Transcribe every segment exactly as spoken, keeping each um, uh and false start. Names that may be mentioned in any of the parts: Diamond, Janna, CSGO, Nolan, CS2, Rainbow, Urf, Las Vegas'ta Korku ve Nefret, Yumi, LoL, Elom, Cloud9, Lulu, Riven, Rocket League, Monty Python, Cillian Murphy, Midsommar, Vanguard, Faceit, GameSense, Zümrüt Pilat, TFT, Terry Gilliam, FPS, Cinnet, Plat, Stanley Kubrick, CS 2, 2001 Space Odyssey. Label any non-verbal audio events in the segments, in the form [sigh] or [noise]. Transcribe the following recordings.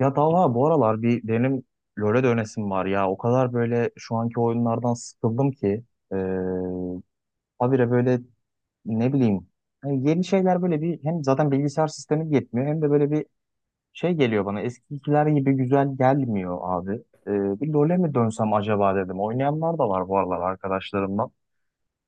Ya Talha bu aralar bir benim LoL'e dönesim var ya. O kadar böyle şu anki oyunlardan sıkıldım ki. Ee, habire böyle ne bileyim. Hani yeni şeyler böyle bir hem zaten bilgisayar sistemi yetmiyor hem de böyle bir şey geliyor bana. Eskikiler gibi güzel gelmiyor abi. Ee, bir LoL'e mi dönsem acaba dedim. Oynayanlar da var bu aralar arkadaşlarımdan.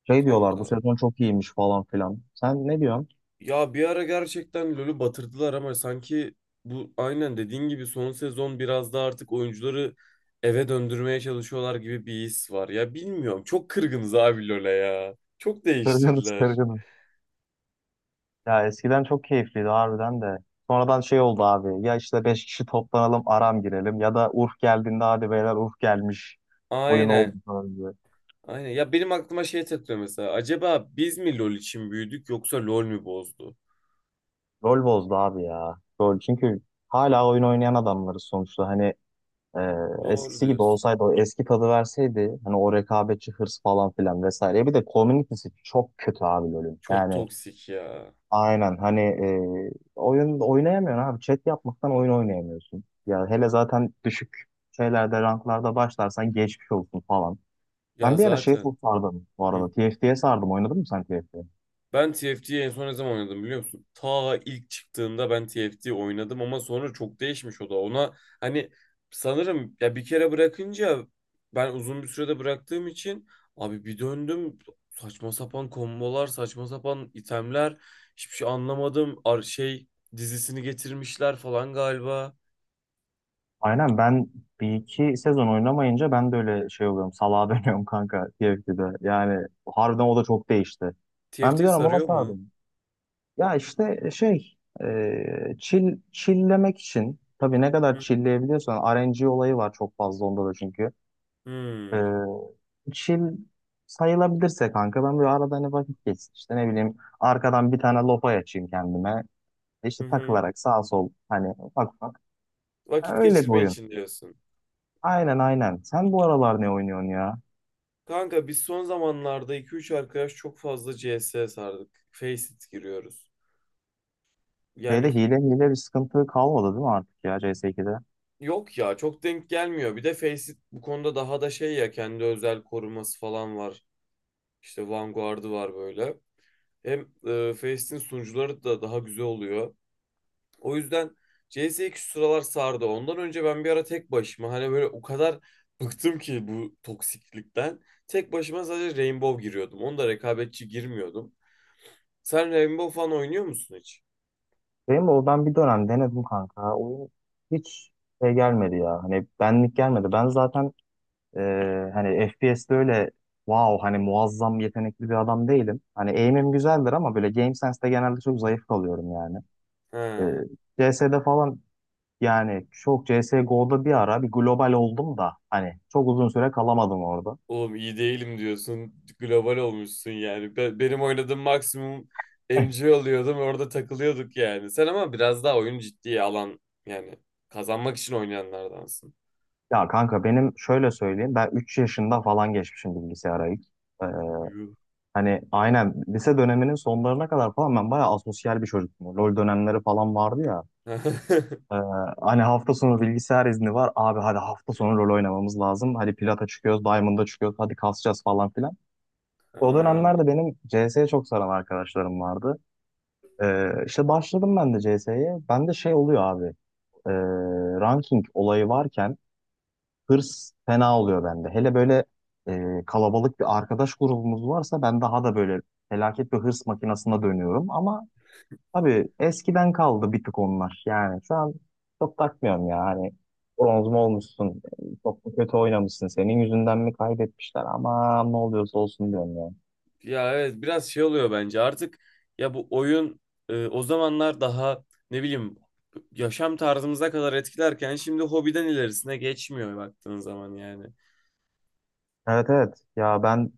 Şey diyorlar Kanka bu sezon çok iyiymiş falan filan. Sen ne diyorsun? ya bir ara gerçekten LoL'ü batırdılar ama sanki bu aynen dediğin gibi son sezon biraz da artık oyuncuları eve döndürmeye çalışıyorlar gibi bir his var. Ya bilmiyorum çok kırgınız abi LoL'e ya. Çok Kırgınız, değiştirdiler. kırgınız. Ya eskiden çok keyifliydi harbiden de. Sonradan şey oldu abi. Ya işte beş kişi toplanalım aram girelim. Ya da Urf geldiğinde hadi beyler Urf gelmiş. Oyun oldu Aynen. falan diye. Aynen. Ya benim aklıma şey takılıyor mesela. Acaba biz mi LoL için büyüdük yoksa LoL mü bozdu? Rol bozdu abi ya. Rol çünkü hala oyun oynayan adamlarız sonuçta. Hani e, Doğru Eskisi gibi diyorsun. olsaydı o eski tadı verseydi. Hani o rekabetçi hırs falan filan vesaire. Bir de community'si çok kötü abi LoL'ün. Çok Yani toksik ya. Aynen hani e, oyun oynayamıyorsun abi. Chat yapmaktan oyun oynayamıyorsun. Ya hele zaten düşük şeylerde ranklarda başlarsan geçmiş olsun falan. Ya Ben bir ara şey çok zaten. sardım bu Hı. arada. T F T F T'ye sardım. Oynadın mı sen T F T? Ben T F T'yi en son ne zaman oynadım biliyor musun? Ta ilk çıktığında ben T F T oynadım ama sonra çok değişmiş o da. Ona hani sanırım ya bir kere bırakınca ben uzun bir sürede bıraktığım için abi bir döndüm saçma sapan kombolar, saçma sapan itemler hiçbir şey anlamadım. Ar şey dizisini getirmişler falan galiba. Aynen ben bir iki sezon oynamayınca ben de öyle şey oluyorum. Salağa [laughs] dönüyorum kanka T F T F T'de. Yani harbiden o da çok değişti. Ben bir T F T dönem ona sarıyor mu? sardım. Ya işte e, şey e, Chill, chilllemek için tabii ne kadar Hı. chillleyebiliyorsan R N G olayı var çok fazla onda da çünkü. Ee, Hmm. Chill sayılabilirse kanka ben böyle arada hani vakit geçsin işte ne bileyim arkadan bir tane lopa açayım kendime Hı işte hı. takılarak sağ sol hani ufak ufak. Ha, Vakit öyle bir geçirme oyun. için diyorsun. Aynen aynen. Sen bu aralar ne oynuyorsun ya? Kanka biz son zamanlarda iki üç arkadaş çok fazla C S'ye sardık. Faceit giriyoruz. Yani Şeyde hile hile bir sıkıntı kalmadı değil mi artık ya C S ikide? yok ya çok denk gelmiyor. Bir de Faceit bu konuda daha da şey ya kendi özel koruması falan var. İşte Vanguard'ı var böyle. Hem e, Faceit'in sunucuları da daha güzel oluyor. O yüzden C S iki sıralar sardı. Ondan önce ben bir ara tek başıma hani böyle o kadar bıktım ki bu toksiklikten. Tek başıma sadece Rainbow giriyordum. Onda rekabetçi girmiyordum. Sen Rainbow falan oynuyor musun hiç? Benim de o ben bir dönem denedim kanka. Oyun hiç şey gelmedi ya. Hani benlik gelmedi. Ben zaten Ee, hani F P S'de öyle wow hani muazzam yetenekli bir adam değilim. Hani aim'im güzeldir ama böyle GameSense'de genelde çok zayıf kalıyorum yani. Ee, Ha, C S'de falan yani çok C S G O'da bir ara bir global oldum da hani çok uzun süre kalamadım orada. oğlum iyi değilim diyorsun. Global olmuşsun yani. Be- benim oynadığım maksimum [laughs] M C oluyordum. Orada takılıyorduk yani. Sen ama biraz daha oyun ciddiye alan yani kazanmak için oynayanlardansın. Ya kanka benim şöyle söyleyeyim ben üç yaşında falan geçmişim bilgisayara ilk. Ee, Yuh. hani aynen lise döneminin sonlarına kadar falan ben bayağı asosyal bir çocuktum. LoL dönemleri falan vardı ya. [laughs] Ee, Hani hafta sonu bilgisayar izni var. Abi hadi hafta sonu rol oynamamız lazım. Hadi Plat'a çıkıyoruz, Diamond'a çıkıyoruz. Hadi kasacağız falan filan. O Ha. dönemlerde benim C S'ye çok saran arkadaşlarım vardı. Ee, işte başladım ben de C S'ye. Bende şey oluyor abi. ee, Ranking olayı varken hırs fena oluyor bende. Hele böyle ee, kalabalık bir arkadaş grubumuz varsa ben daha da böyle felaket bir hırs makinasına dönüyorum. Ama abi eskiden kaldı bir tık onlar. Yani şu an çok takmıyorum ya. Hani bronz mu olmuşsun? Çok mu kötü oynamışsın? Senin yüzünden mi kaybetmişler? Ama ne oluyorsa olsun diyorum ya. Ya evet biraz şey oluyor bence artık ya bu oyun e, o zamanlar daha ne bileyim yaşam tarzımıza kadar etkilerken şimdi hobiden ilerisine geçmiyor baktığın zaman yani. Evet, evet. Ya ben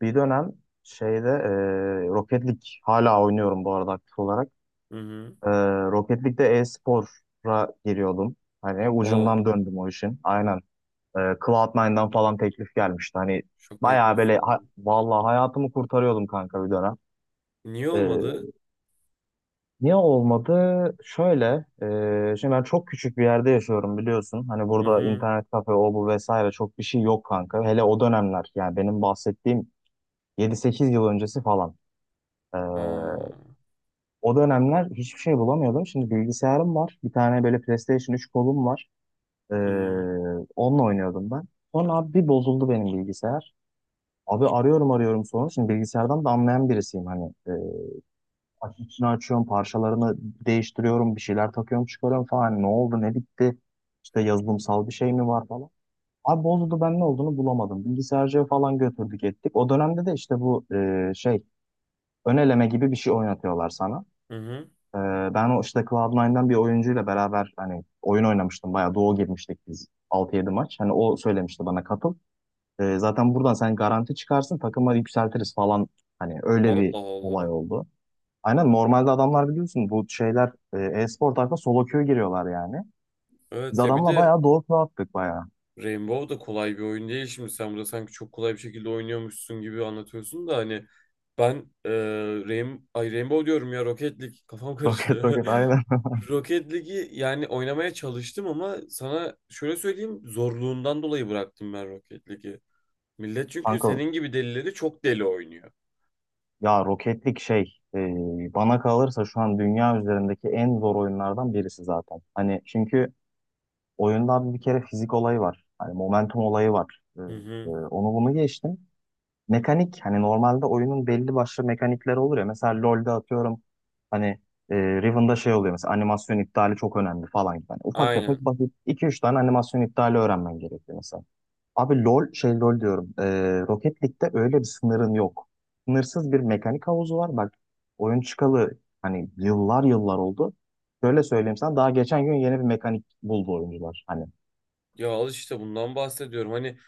bir dönem şeyde e, Rocket League hala oynuyorum bu arada aktif olarak. Hı hı. E, Rocket League'de e-spor'a giriyordum. Hani O, ucundan döndüm o işin. Aynen. E, cloud nine'dan falan teklif gelmişti. Hani şaka bayağı böyle ha- yapıyorsun. vallahi hayatımı kurtarıyordum kanka bir dönem. Niye olmadı? Niye olmadı? Şöyle, e, şimdi ben çok küçük bir yerde yaşıyorum biliyorsun. Hani Hı burada hı. internet kafe, o bu vesaire çok bir şey yok kanka. Hele o dönemler yani benim bahsettiğim yedi sekiz yıl öncesi falan. E, Ha. O dönemler hiçbir şey bulamıyordum. Şimdi bilgisayarım var. Bir tane böyle PlayStation üç kolum var. E, Hı hı. Onunla oynuyordum ben. Sonra abi bir bozuldu benim bilgisayar. Abi arıyorum arıyorum sonra. Şimdi bilgisayardan da anlayan birisiyim hani. Aç- içini açıyorum, parçalarını değiştiriyorum, bir şeyler takıyorum, çıkarıyorum falan. Hani ne oldu, ne bitti? İşte yazılımsal bir şey mi var falan. Abi bozuldu ben ne olduğunu bulamadım. Bilgisayarcıya falan götürdük ettik. O dönemde de işte bu e, şey ön eleme gibi bir şey oynatıyorlar sana. Hı hı. E, Ben o işte cloud nine'dan bir oyuncuyla beraber hani oyun oynamıştım. Bayağı duo girmiştik biz altı yedi maç. Hani o söylemişti bana katıl. E, zaten buradan sen garanti çıkarsın takıma yükseltiriz falan. Hani öyle Allah bir olay Allah. oldu. Aynen normalde adamlar biliyorsun bu şeyler e, e-spor tarafına solo queue giriyorlar yani. Biz Evet ya bir adamla de bayağı doğu turu attık bayağı. Rainbow da kolay bir oyun değil şimdi. Sen burada sanki çok kolay bir şekilde oynuyormuşsun gibi anlatıyorsun da hani ben e, Rain Ay Rainbow diyorum ya, Rocket League kafam [laughs] Roket karıştı. roket aynen. [laughs] Rocket League'i yani oynamaya çalıştım ama sana şöyle söyleyeyim zorluğundan dolayı bıraktım ben Rocket League'i. Millet çünkü Kanka senin gibi delileri çok deli oynuyor. ya roketlik şey e, bana kalırsa şu an dünya üzerindeki en zor oyunlardan birisi zaten. Hani çünkü oyunda abi bir kere fizik olayı var. Hani momentum olayı var. E, Hı e, hı. Onu bunu geçtim. Mekanik hani normalde oyunun belli başlı mekanikleri olur ya. Mesela LoL'de atıyorum hani e, Riven'da şey oluyor mesela animasyon iptali çok önemli falan gibi. Hani ufak tefek Aynen. basit iki üç tane animasyon iptali öğrenmen gerekiyor mesela. Abi LoL şey LoL diyorum. E, Rocket League'de öyle bir sınırın yok. Sınırsız bir mekanik havuzu var. Bak oyun çıkalı hani yıllar yıllar oldu. Şöyle söyleyeyim sana daha geçen gün yeni bir mekanik buldu oyuncular. Hani Ya al işte bundan bahsediyorum. Hani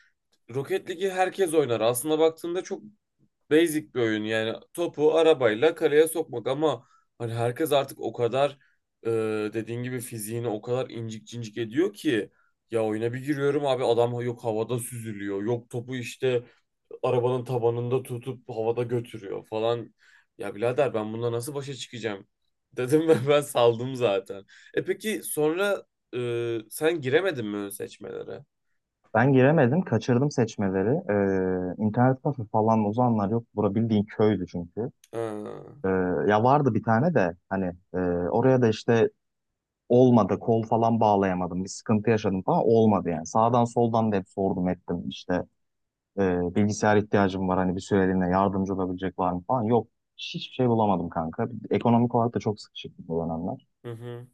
Rocket League'i herkes oynar. Aslında baktığında çok basic bir oyun. Yani topu arabayla kaleye sokmak ama hani herkes artık o kadar e, dediğin gibi fiziğini o kadar incik cincik ediyor ki ya, oyuna bir giriyorum abi adam yok havada süzülüyor. Yok topu işte arabanın tabanında tutup havada götürüyor falan. Ya birader ben bununla nasıl başa çıkacağım? Dedim ve [laughs] ben saldım zaten. E peki sonra e, sen giremedin mi ön seçmelere? ben giremedim, kaçırdım seçmeleri. Ee, internet kafe falan o zamanlar yok. Bura bildiğin köydü çünkü. Ha, Ee, ya vardı bir tane de hani e, oraya da işte olmadı, kol falan bağlayamadım, bir sıkıntı yaşadım falan olmadı yani. Sağdan soldan da hep sordum ettim işte e, bilgisayar ihtiyacım var hani bir süreliğine yardımcı olabilecek var mı falan yok. Hiçbir şey bulamadım kanka. Ekonomik olarak da çok sıkışıktı bu dönemler. hı hı.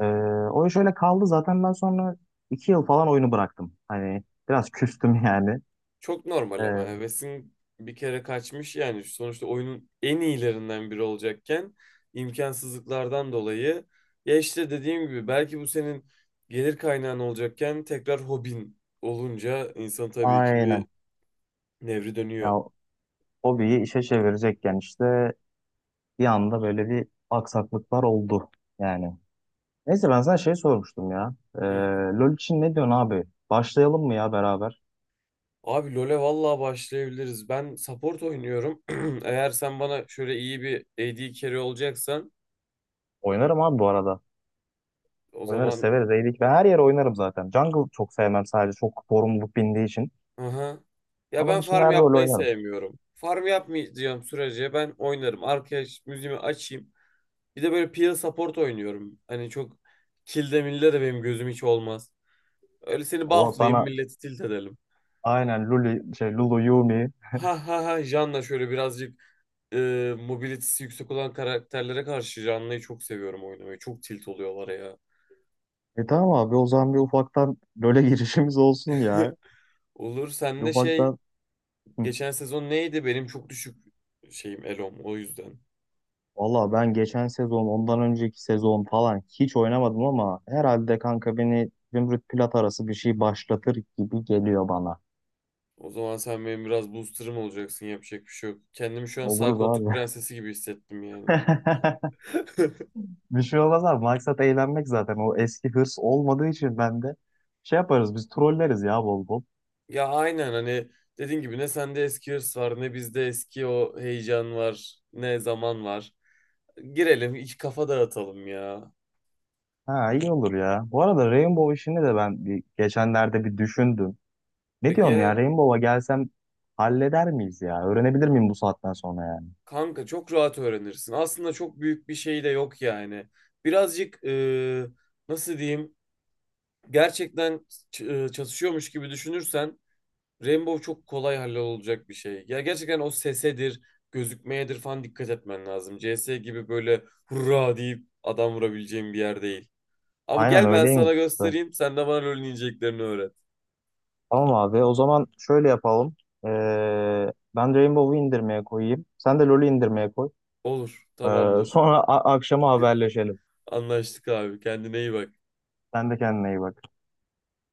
Ee, O iş öyle kaldı zaten ben sonra iki yıl falan oyunu bıraktım. Hani biraz küstüm [laughs] yani. Çok Ee, normal ama hevesin bir kere kaçmış yani, sonuçta oyunun en iyilerinden biri olacakken imkansızlıklardan dolayı, ya işte dediğim gibi belki bu senin gelir kaynağın olacakken tekrar hobin olunca insan tabii ki Aynen. bir nevri Ya dönüyor. hobiyi işe çevirecekken işte bir anda böyle bir aksaklıklar oldu yani. Neyse ben sana şey sormuştum ya. Ee, Hı. LoL için ne diyorsun abi? Başlayalım mı ya beraber? Abi LoL'e vallahi başlayabiliriz. Ben support oynuyorum. [clears throat] Eğer sen bana şöyle iyi bir A D carry olacaksan Oynarım abi bu arada. o Oynarız, zaman. severiz, eğilik. Ben her yere oynarım zaten. Jungle çok sevmem sadece çok sorumluluk bindiği için. Aha. Ya Onun ben dışında farm her rol yapmayı oynarım. sevmiyorum. Farm yapmayacağım sürece ben oynarım. Arkaya ş- müziğimi açayım. Bir de böyle peel support oynuyorum. Hani çok kilde milde de benim gözüm hiç olmaz. Öyle seni O bufflayayım, sana milleti tilt edelim. aynen Luli, şey, Lulu, Yumi. Ha ha ha, Janna şöyle birazcık e, mobilitesi yüksek olan karakterlere karşı Janna'yı çok seviyorum oynamayı. Çok tilt oluyorlar ya. E tamam abi o zaman bir ufaktan LoL'e [laughs] girişimiz olsun ya. Olur, Bir sen de şey ufaktan. Hı. geçen sezon neydi benim çok düşük şeyim, Elom, o yüzden. Valla ben geçen sezon, ondan önceki sezon falan hiç oynamadım ama herhalde kanka beni Zümrüt Pilat arası bir şey başlatır gibi geliyor bana. O zaman sen benim biraz booster'ım olacaksın. Yapacak bir şey yok. Kendimi şu an sağ Oluruz koltuk abi. prensesi gibi hissettim yani. [laughs] [laughs] Bir şey olmaz abi. Maksat eğlenmek zaten. O eski hırs olmadığı için bende şey yaparız biz trolleriz ya bol bol. Ya aynen, hani dediğin gibi ne sende eski hırs var ne bizde eski o heyecan var, ne zaman var. Girelim, iki kafa dağıtalım ya. Ha iyi olur ya. Bu arada Rainbow işini de ben bir, geçenlerde bir düşündüm. E, Ne diyorsun ya gel Rainbow'a gelsem halleder miyiz ya? Öğrenebilir miyim bu saatten sonra yani? kanka, çok rahat öğrenirsin. Aslında çok büyük bir şey de yok yani. Birazcık e, nasıl diyeyim, gerçekten ç- e, çatışıyormuş gibi düşünürsen Rainbow çok kolay hallolacak bir şey. Ya gerçekten o sesedir, gözükmeyedir falan dikkat etmen lazım. C S gibi böyle hurra deyip adam vurabileceğin bir yer değil. Ama Aynen gel ben öyleymiş sana işte. göstereyim, sen de bana LoL'ün ineceklerini öğret. Tamam abi o zaman şöyle yapalım. Ee, ben Rainbow'u indirmeye koyayım. Sen de LoL'ü indirmeye koy. Olur, Ee, tamamdır. sonra a- akşama haberleşelim. Anlaştık abi. Kendine iyi bak. Sen de kendine iyi bak.